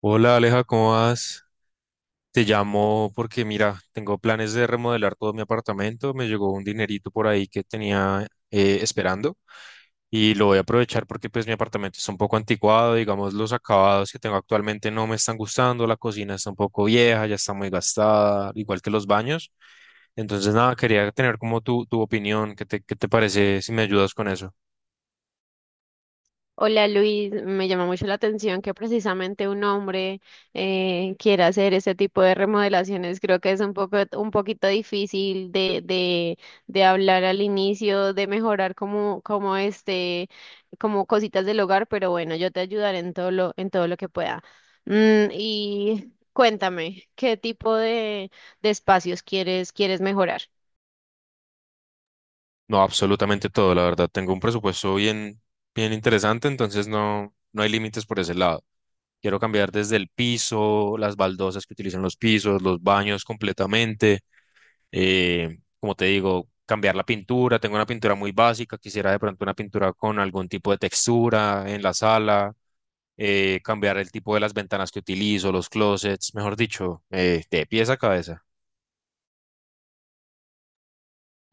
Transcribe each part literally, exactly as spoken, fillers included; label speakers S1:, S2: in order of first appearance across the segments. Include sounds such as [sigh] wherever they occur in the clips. S1: Hola Aleja, ¿cómo vas? Te llamo porque mira, tengo planes de remodelar todo mi apartamento. Me llegó un dinerito por ahí que tenía, eh, esperando, y lo voy a aprovechar porque pues mi apartamento está un poco anticuado. Digamos, los acabados que tengo actualmente no me están gustando, la cocina está un poco vieja, ya está muy gastada, igual que los baños. Entonces nada, quería tener como tu, tu opinión. ¿Qué te, qué te parece si me ayudas con eso?
S2: Hola Luis, me llama mucho la atención que precisamente un hombre eh, quiera hacer ese tipo de remodelaciones. Creo que es un poco, un poquito difícil de, de, de hablar al inicio, de mejorar como, como este, como cositas del hogar, pero bueno, yo te ayudaré en todo lo, en todo lo que pueda. Mm, y cuéntame, ¿qué tipo de, de espacios quieres, quieres mejorar?
S1: No, absolutamente todo, la verdad. Tengo un presupuesto bien, bien interesante, entonces no, no hay límites por ese lado. Quiero cambiar desde el piso, las baldosas que utilizan los pisos, los baños completamente. Eh, como te digo, cambiar la pintura. Tengo una pintura muy básica. Quisiera de pronto una pintura con algún tipo de textura en la sala. Eh, cambiar el tipo de las ventanas que utilizo, los closets, mejor dicho, eh, de pies a cabeza.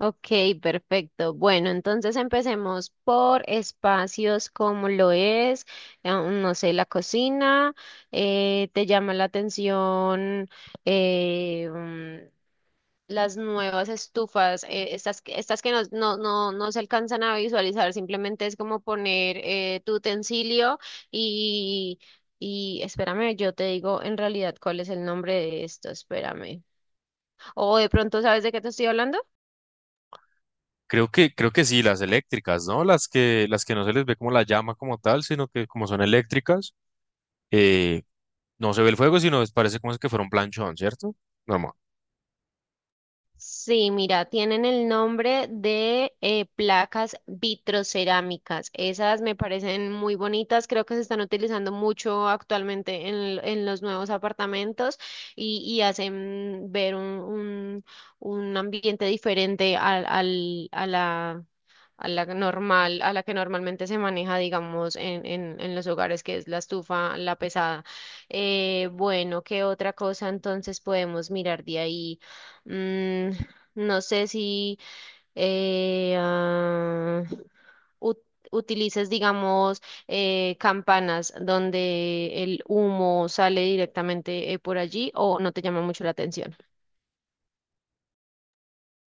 S2: Ok, perfecto. Bueno, entonces empecemos por espacios como lo es, eh, no sé, la cocina, eh, te llama la atención eh, mm, las nuevas estufas, eh, estas, que- estas que no, no, no, no se alcanzan a visualizar, simplemente es como poner eh, tu utensilio y, y espérame, yo te digo en realidad cuál es el nombre de esto, espérame. O de pronto, ¿sabes de qué te estoy hablando?
S1: Creo que, creo que sí, las eléctricas, ¿no? Las que, las que no se les ve como la llama como tal, sino que como son eléctricas, eh, no se ve el fuego, sino es- parece como es que fuera un planchón, ¿cierto? Normal.
S2: Sí, mira, tienen el nombre de eh, placas vitrocerámicas. Esas me parecen muy bonitas, creo que se están utilizando mucho actualmente en, l- en los nuevos apartamentos y, y hacen ver un, un- un ambiente diferente al, al- a la, a la normal, a la que normalmente se maneja, digamos, en, en, en los hogares, que es la estufa, la pesada. Eh, bueno, ¿qué otra cosa entonces podemos mirar de ahí? Mm, no sé si eh, ah, ut- utilices, digamos, eh, campanas donde el humo sale directamente eh, por allí o no te llama mucho la atención.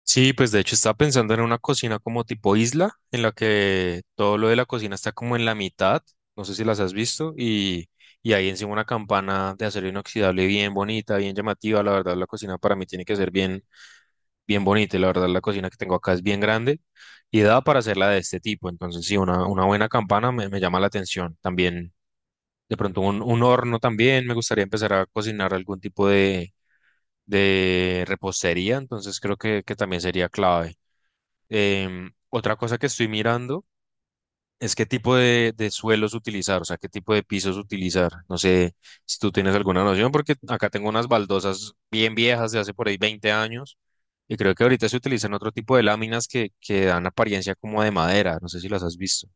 S1: Sí, pues de hecho estaba pensando en una cocina como tipo isla, en la que todo lo de la cocina está como en la mitad, no sé si las has visto, y, y ahí encima una campana de acero inoxidable bien bonita, bien llamativa. La verdad, la cocina para mí tiene que ser bien bien bonita, y la verdad la cocina que tengo acá es bien grande y da para hacerla de este tipo. Entonces sí, una, una buena campana me, me llama la atención. También, de pronto, un, un horno también. Me gustaría empezar a cocinar algún tipo de, de repostería, entonces creo que, que también sería clave. Em, otra cosa que estoy mirando es qué tipo de, de suelos utilizar, o sea, qué tipo de pisos utilizar. No sé si tú tienes alguna noción, porque acá tengo unas baldosas bien viejas de hace por ahí veinte años y creo que ahorita se utilizan otro tipo de láminas que, que dan apariencia como de madera. No sé si las has visto.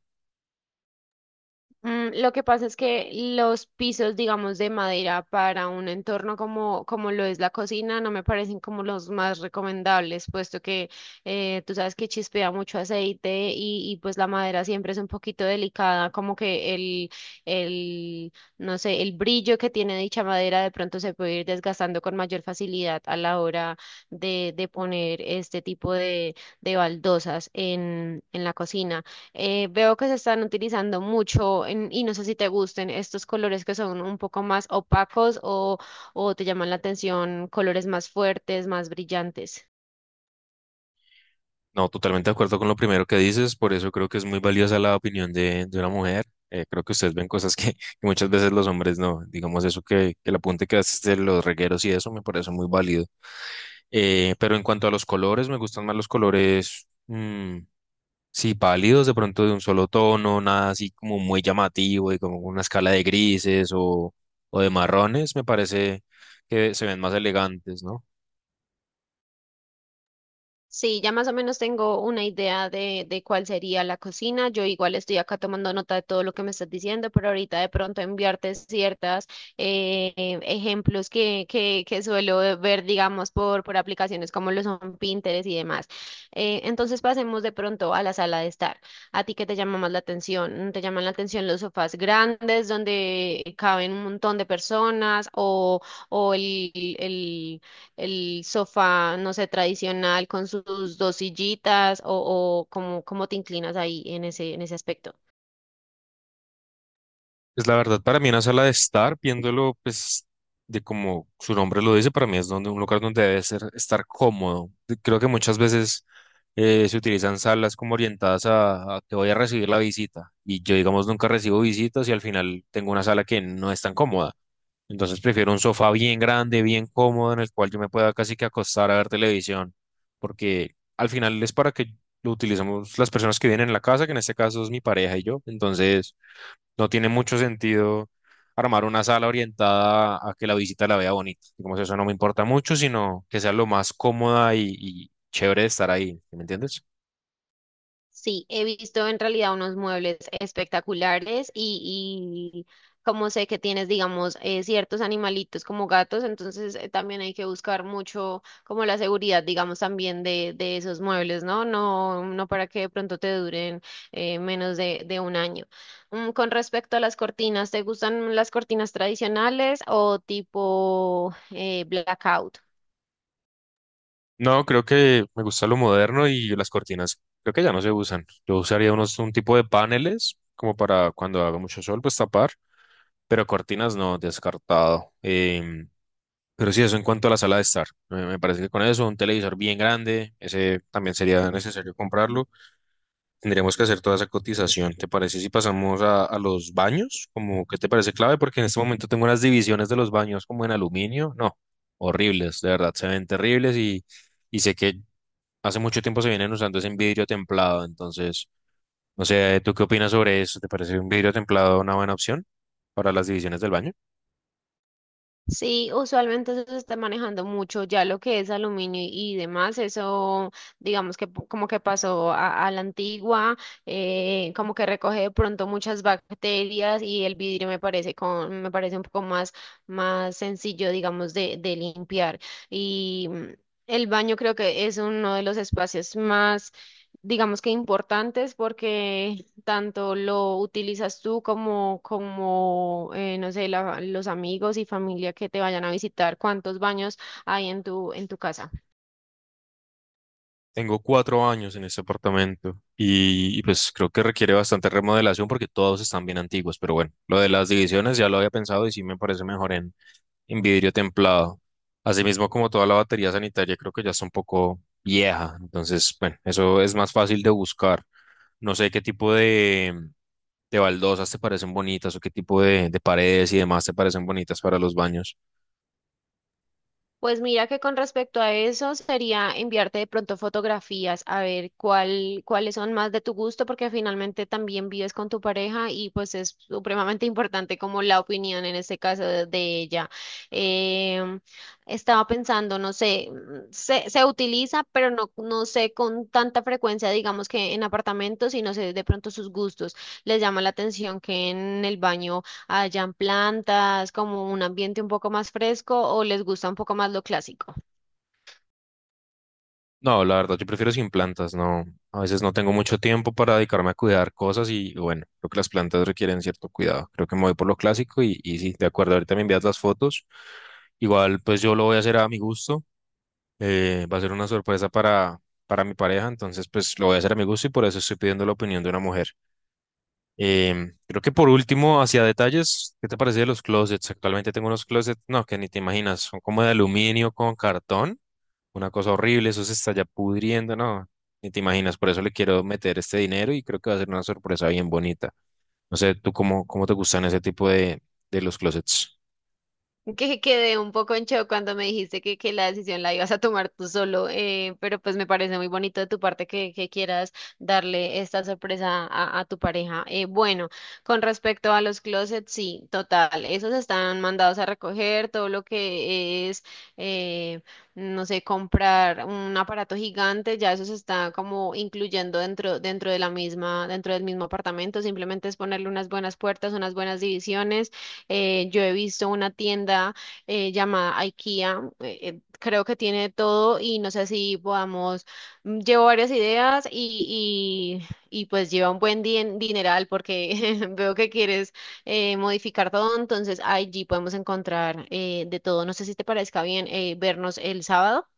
S2: Mm. Lo que pasa es que los pisos, digamos, de madera para un entorno como, como lo es la cocina, no me parecen como los más recomendables, puesto que eh, tú sabes que chispea mucho aceite y, y pues la madera siempre es un poquito delicada, como que el, el, no sé, el brillo que tiene dicha madera de pronto se puede ir desgastando con mayor facilidad a la hora de, de poner este tipo de, de baldosas en, en la cocina. Eh, veo que se están utilizando mucho en- y no sé si te gusten estos colores que son un poco más opacos o, o te llaman la atención colores más fuertes, más brillantes.
S1: No, totalmente de acuerdo con lo primero que dices. Por eso creo que es muy valiosa la opinión de, de una mujer. Eh, creo que ustedes ven cosas que, [laughs] que muchas veces los hombres no. Digamos, eso, que, que el apunte que haces de los regueros y eso me parece muy válido. Eh, pero en cuanto a los colores, me gustan más los colores, mm, sí, pálidos, de pronto de un solo tono, nada así como muy llamativo, y como una escala de grises o, o de marrones. Me parece que se ven más elegantes, ¿no?
S2: Sí, ya más o menos tengo una idea de, de cuál sería la cocina. Yo igual estoy acá tomando nota de todo lo que me estás diciendo, pero ahorita de pronto enviarte ciertas eh, ejemplos que, que, que suelo ver, digamos, por, por aplicaciones como lo son Pinterest y demás. Eh, entonces pasemos de pronto a la sala de estar. ¿A ti qué te llama más la atención? ¿Te llaman la atención los sofás grandes donde caben un montón de personas o, o el, el- el sofá, no sé, tradicional con sus dos sillitas o, o cómo, cómo te inclinas ahí en ese, en ese aspecto.
S1: Pues la verdad, para mí una sala de estar, viéndolo pues de como su nombre lo dice, para mí es donde, un lugar donde debe ser, estar cómodo. Creo que muchas veces eh, se utilizan salas como orientadas a, a que voy a recibir la visita. Y yo, digamos, nunca recibo visitas, y al final tengo una sala que no es tan cómoda. Entonces prefiero un sofá bien grande, bien cómodo, en el cual yo me pueda casi que acostar a ver televisión, porque al final es para que lo utilicemos las personas que vienen en la casa, que en este caso es mi pareja y yo. Entonces no tiene mucho sentido armar una sala orientada a que la visita la vea bonita. Digamos, eso no me importa mucho, sino que sea lo más cómoda y, y chévere de estar ahí, ¿sí? ¿Me entiendes?
S2: Sí, he visto en realidad unos muebles espectaculares y, y como sé que tienes, digamos, eh, ciertos animalitos como gatos, entonces eh, también hay que buscar mucho como la seguridad, digamos, también de, de esos muebles, ¿no? No, no para que de pronto te duren eh, menos de, de un año. Mm, con respecto a las cortinas, ¿te gustan las cortinas tradicionales o tipo eh, blackout?
S1: No, creo que me gusta lo moderno y las cortinas creo que ya no se usan. Yo usaría unos, un tipo de paneles como para cuando haga mucho sol, pues tapar, pero cortinas no, descartado. Em, pero sí, eso en cuanto a la sala de estar. Me, me parece que con eso, un televisor bien grande, ese también sería necesario comprarlo. Tendríamos que hacer toda esa cotización. ¿Te parece si pasamos a, a los baños? Como, ¿qué te parece clave? Porque en este momento tengo unas divisiones de los baños como en aluminio. No, horribles, de verdad, se ven terribles y... Y sé que hace mucho tiempo se vienen usando ese vidrio templado, entonces, no sé, ¿tú qué opinas sobre eso? ¿Te parece un vidrio templado una buena opción para las divisiones del baño?
S2: Sí, usualmente eso se está manejando mucho, ya lo que es aluminio y demás, eso digamos que po- como que pasó a, a la antigua, eh, como que recoge de pronto muchas bacterias y el vidrio me parece con, me parece un poco más, más sencillo, digamos, de, de limpiar. Y mm, el baño creo que es uno de los espacios más, digamos que importantes porque tanto lo utilizas tú como, como eh, no sé, la- los amigos y familia que te vayan a visitar, cuántos baños hay en tu, en tu casa.
S1: Tengo cuatro años en este apartamento y, y, pues creo que requiere bastante remodelación porque todos están bien antiguos, pero bueno, lo de las divisiones ya lo había pensado y sí me parece mejor en, en vidrio templado. Asimismo, como toda la batería sanitaria, creo que ya está un poco vieja, entonces bueno, eso es más fácil de buscar. No sé qué tipo de, de baldosas te parecen bonitas, o qué tipo de, de paredes y demás te parecen bonitas para los baños.
S2: Pues mira que con respecto a eso sería enviarte de pronto fotografías a ver cuál, cuáles son más de tu gusto, porque finalmente también vives con tu pareja y pues es supremamente [laughs] importante como la opinión en este caso de, de ella. Em, Estaba pensando, no sé, mm, se, se utiliza, pero no, no sé con tanta frecuencia, digamos que en apartamentos y no sé de pronto sus gustos. ¿Les llama la atención que en el baño hayan plantas, como un ambiente un poco más fresco o les gusta un poco más lo clásico?
S1: No, la verdad, yo prefiero sin plantas, no. A veces no tengo mucho tiempo para dedicarme a cuidar cosas, y bueno, creo que las plantas requieren cierto cuidado. Creo que me voy por lo clásico y, y sí, de acuerdo, ahorita me envías las fotos. Igual, pues yo lo voy a hacer a mi gusto. Eh, va a ser una sorpresa para, para mi pareja, entonces pues lo voy a hacer a mi gusto y por eso estoy pidiendo la opinión de una mujer. Em, creo que por último, hacia detalles, ¿qué te parece de los closets? Actualmente tengo unos closets, no, que ni te imaginas, son como de aluminio con cartón, una cosa horrible, eso se está ya pudriendo, no, ni te imaginas, por eso le quiero meter este dinero y creo que va a ser una sorpresa bien bonita. No sé, ¿tú cómo, cómo te gustan ese tipo de, de los closets?
S2: Que quedé un poco en shock cuando me dijiste que, que la decisión la ibas a tomar tú solo, eh, pero pues me parece muy bonito de tu parte que, que quieras darle esta sorpresa a, a tu pareja. Eh, bueno, con respecto a los closets, sí, total, esos están mandados a recoger, todo lo que es, eh, no sé, comprar un aparato gigante, ya eso se está como incluyendo dentro, dentro de la misma, dentro del mismo apartamento, simplemente es ponerle unas buenas puertas, unas buenas divisiones eh, yo he visto una tienda eh, llamada IKEA, eh, eh, creo que tiene de todo y no sé si podamos, mm, llevo varias ideas y, y, y pues lleva un buen din- dineral porque [laughs] veo que quieres eh, modificar todo, entonces allí podemos encontrar eh, de todo. No sé si te parezca bien eh, vernos el sábado.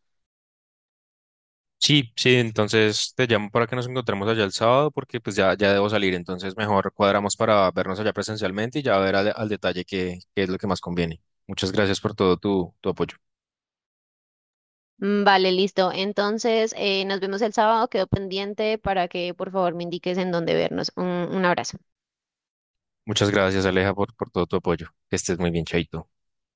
S1: Sí, sí, entonces te llamo para que nos encontremos allá el sábado, porque pues ya, ya debo salir, entonces mejor cuadramos para vernos allá presencialmente y ya ver al, al detalle qué, qué es lo que más conviene. Muchas gracias por todo tu, tu apoyo.
S2: Mm, Vale, listo. Entonces, eh, nos vemos el sábado. Quedo pendiente para que por favor me indiques en dónde vernos. un un abrazo.
S1: Muchas gracias, Aleja, por, por todo tu apoyo. Que estés muy bien, chaito.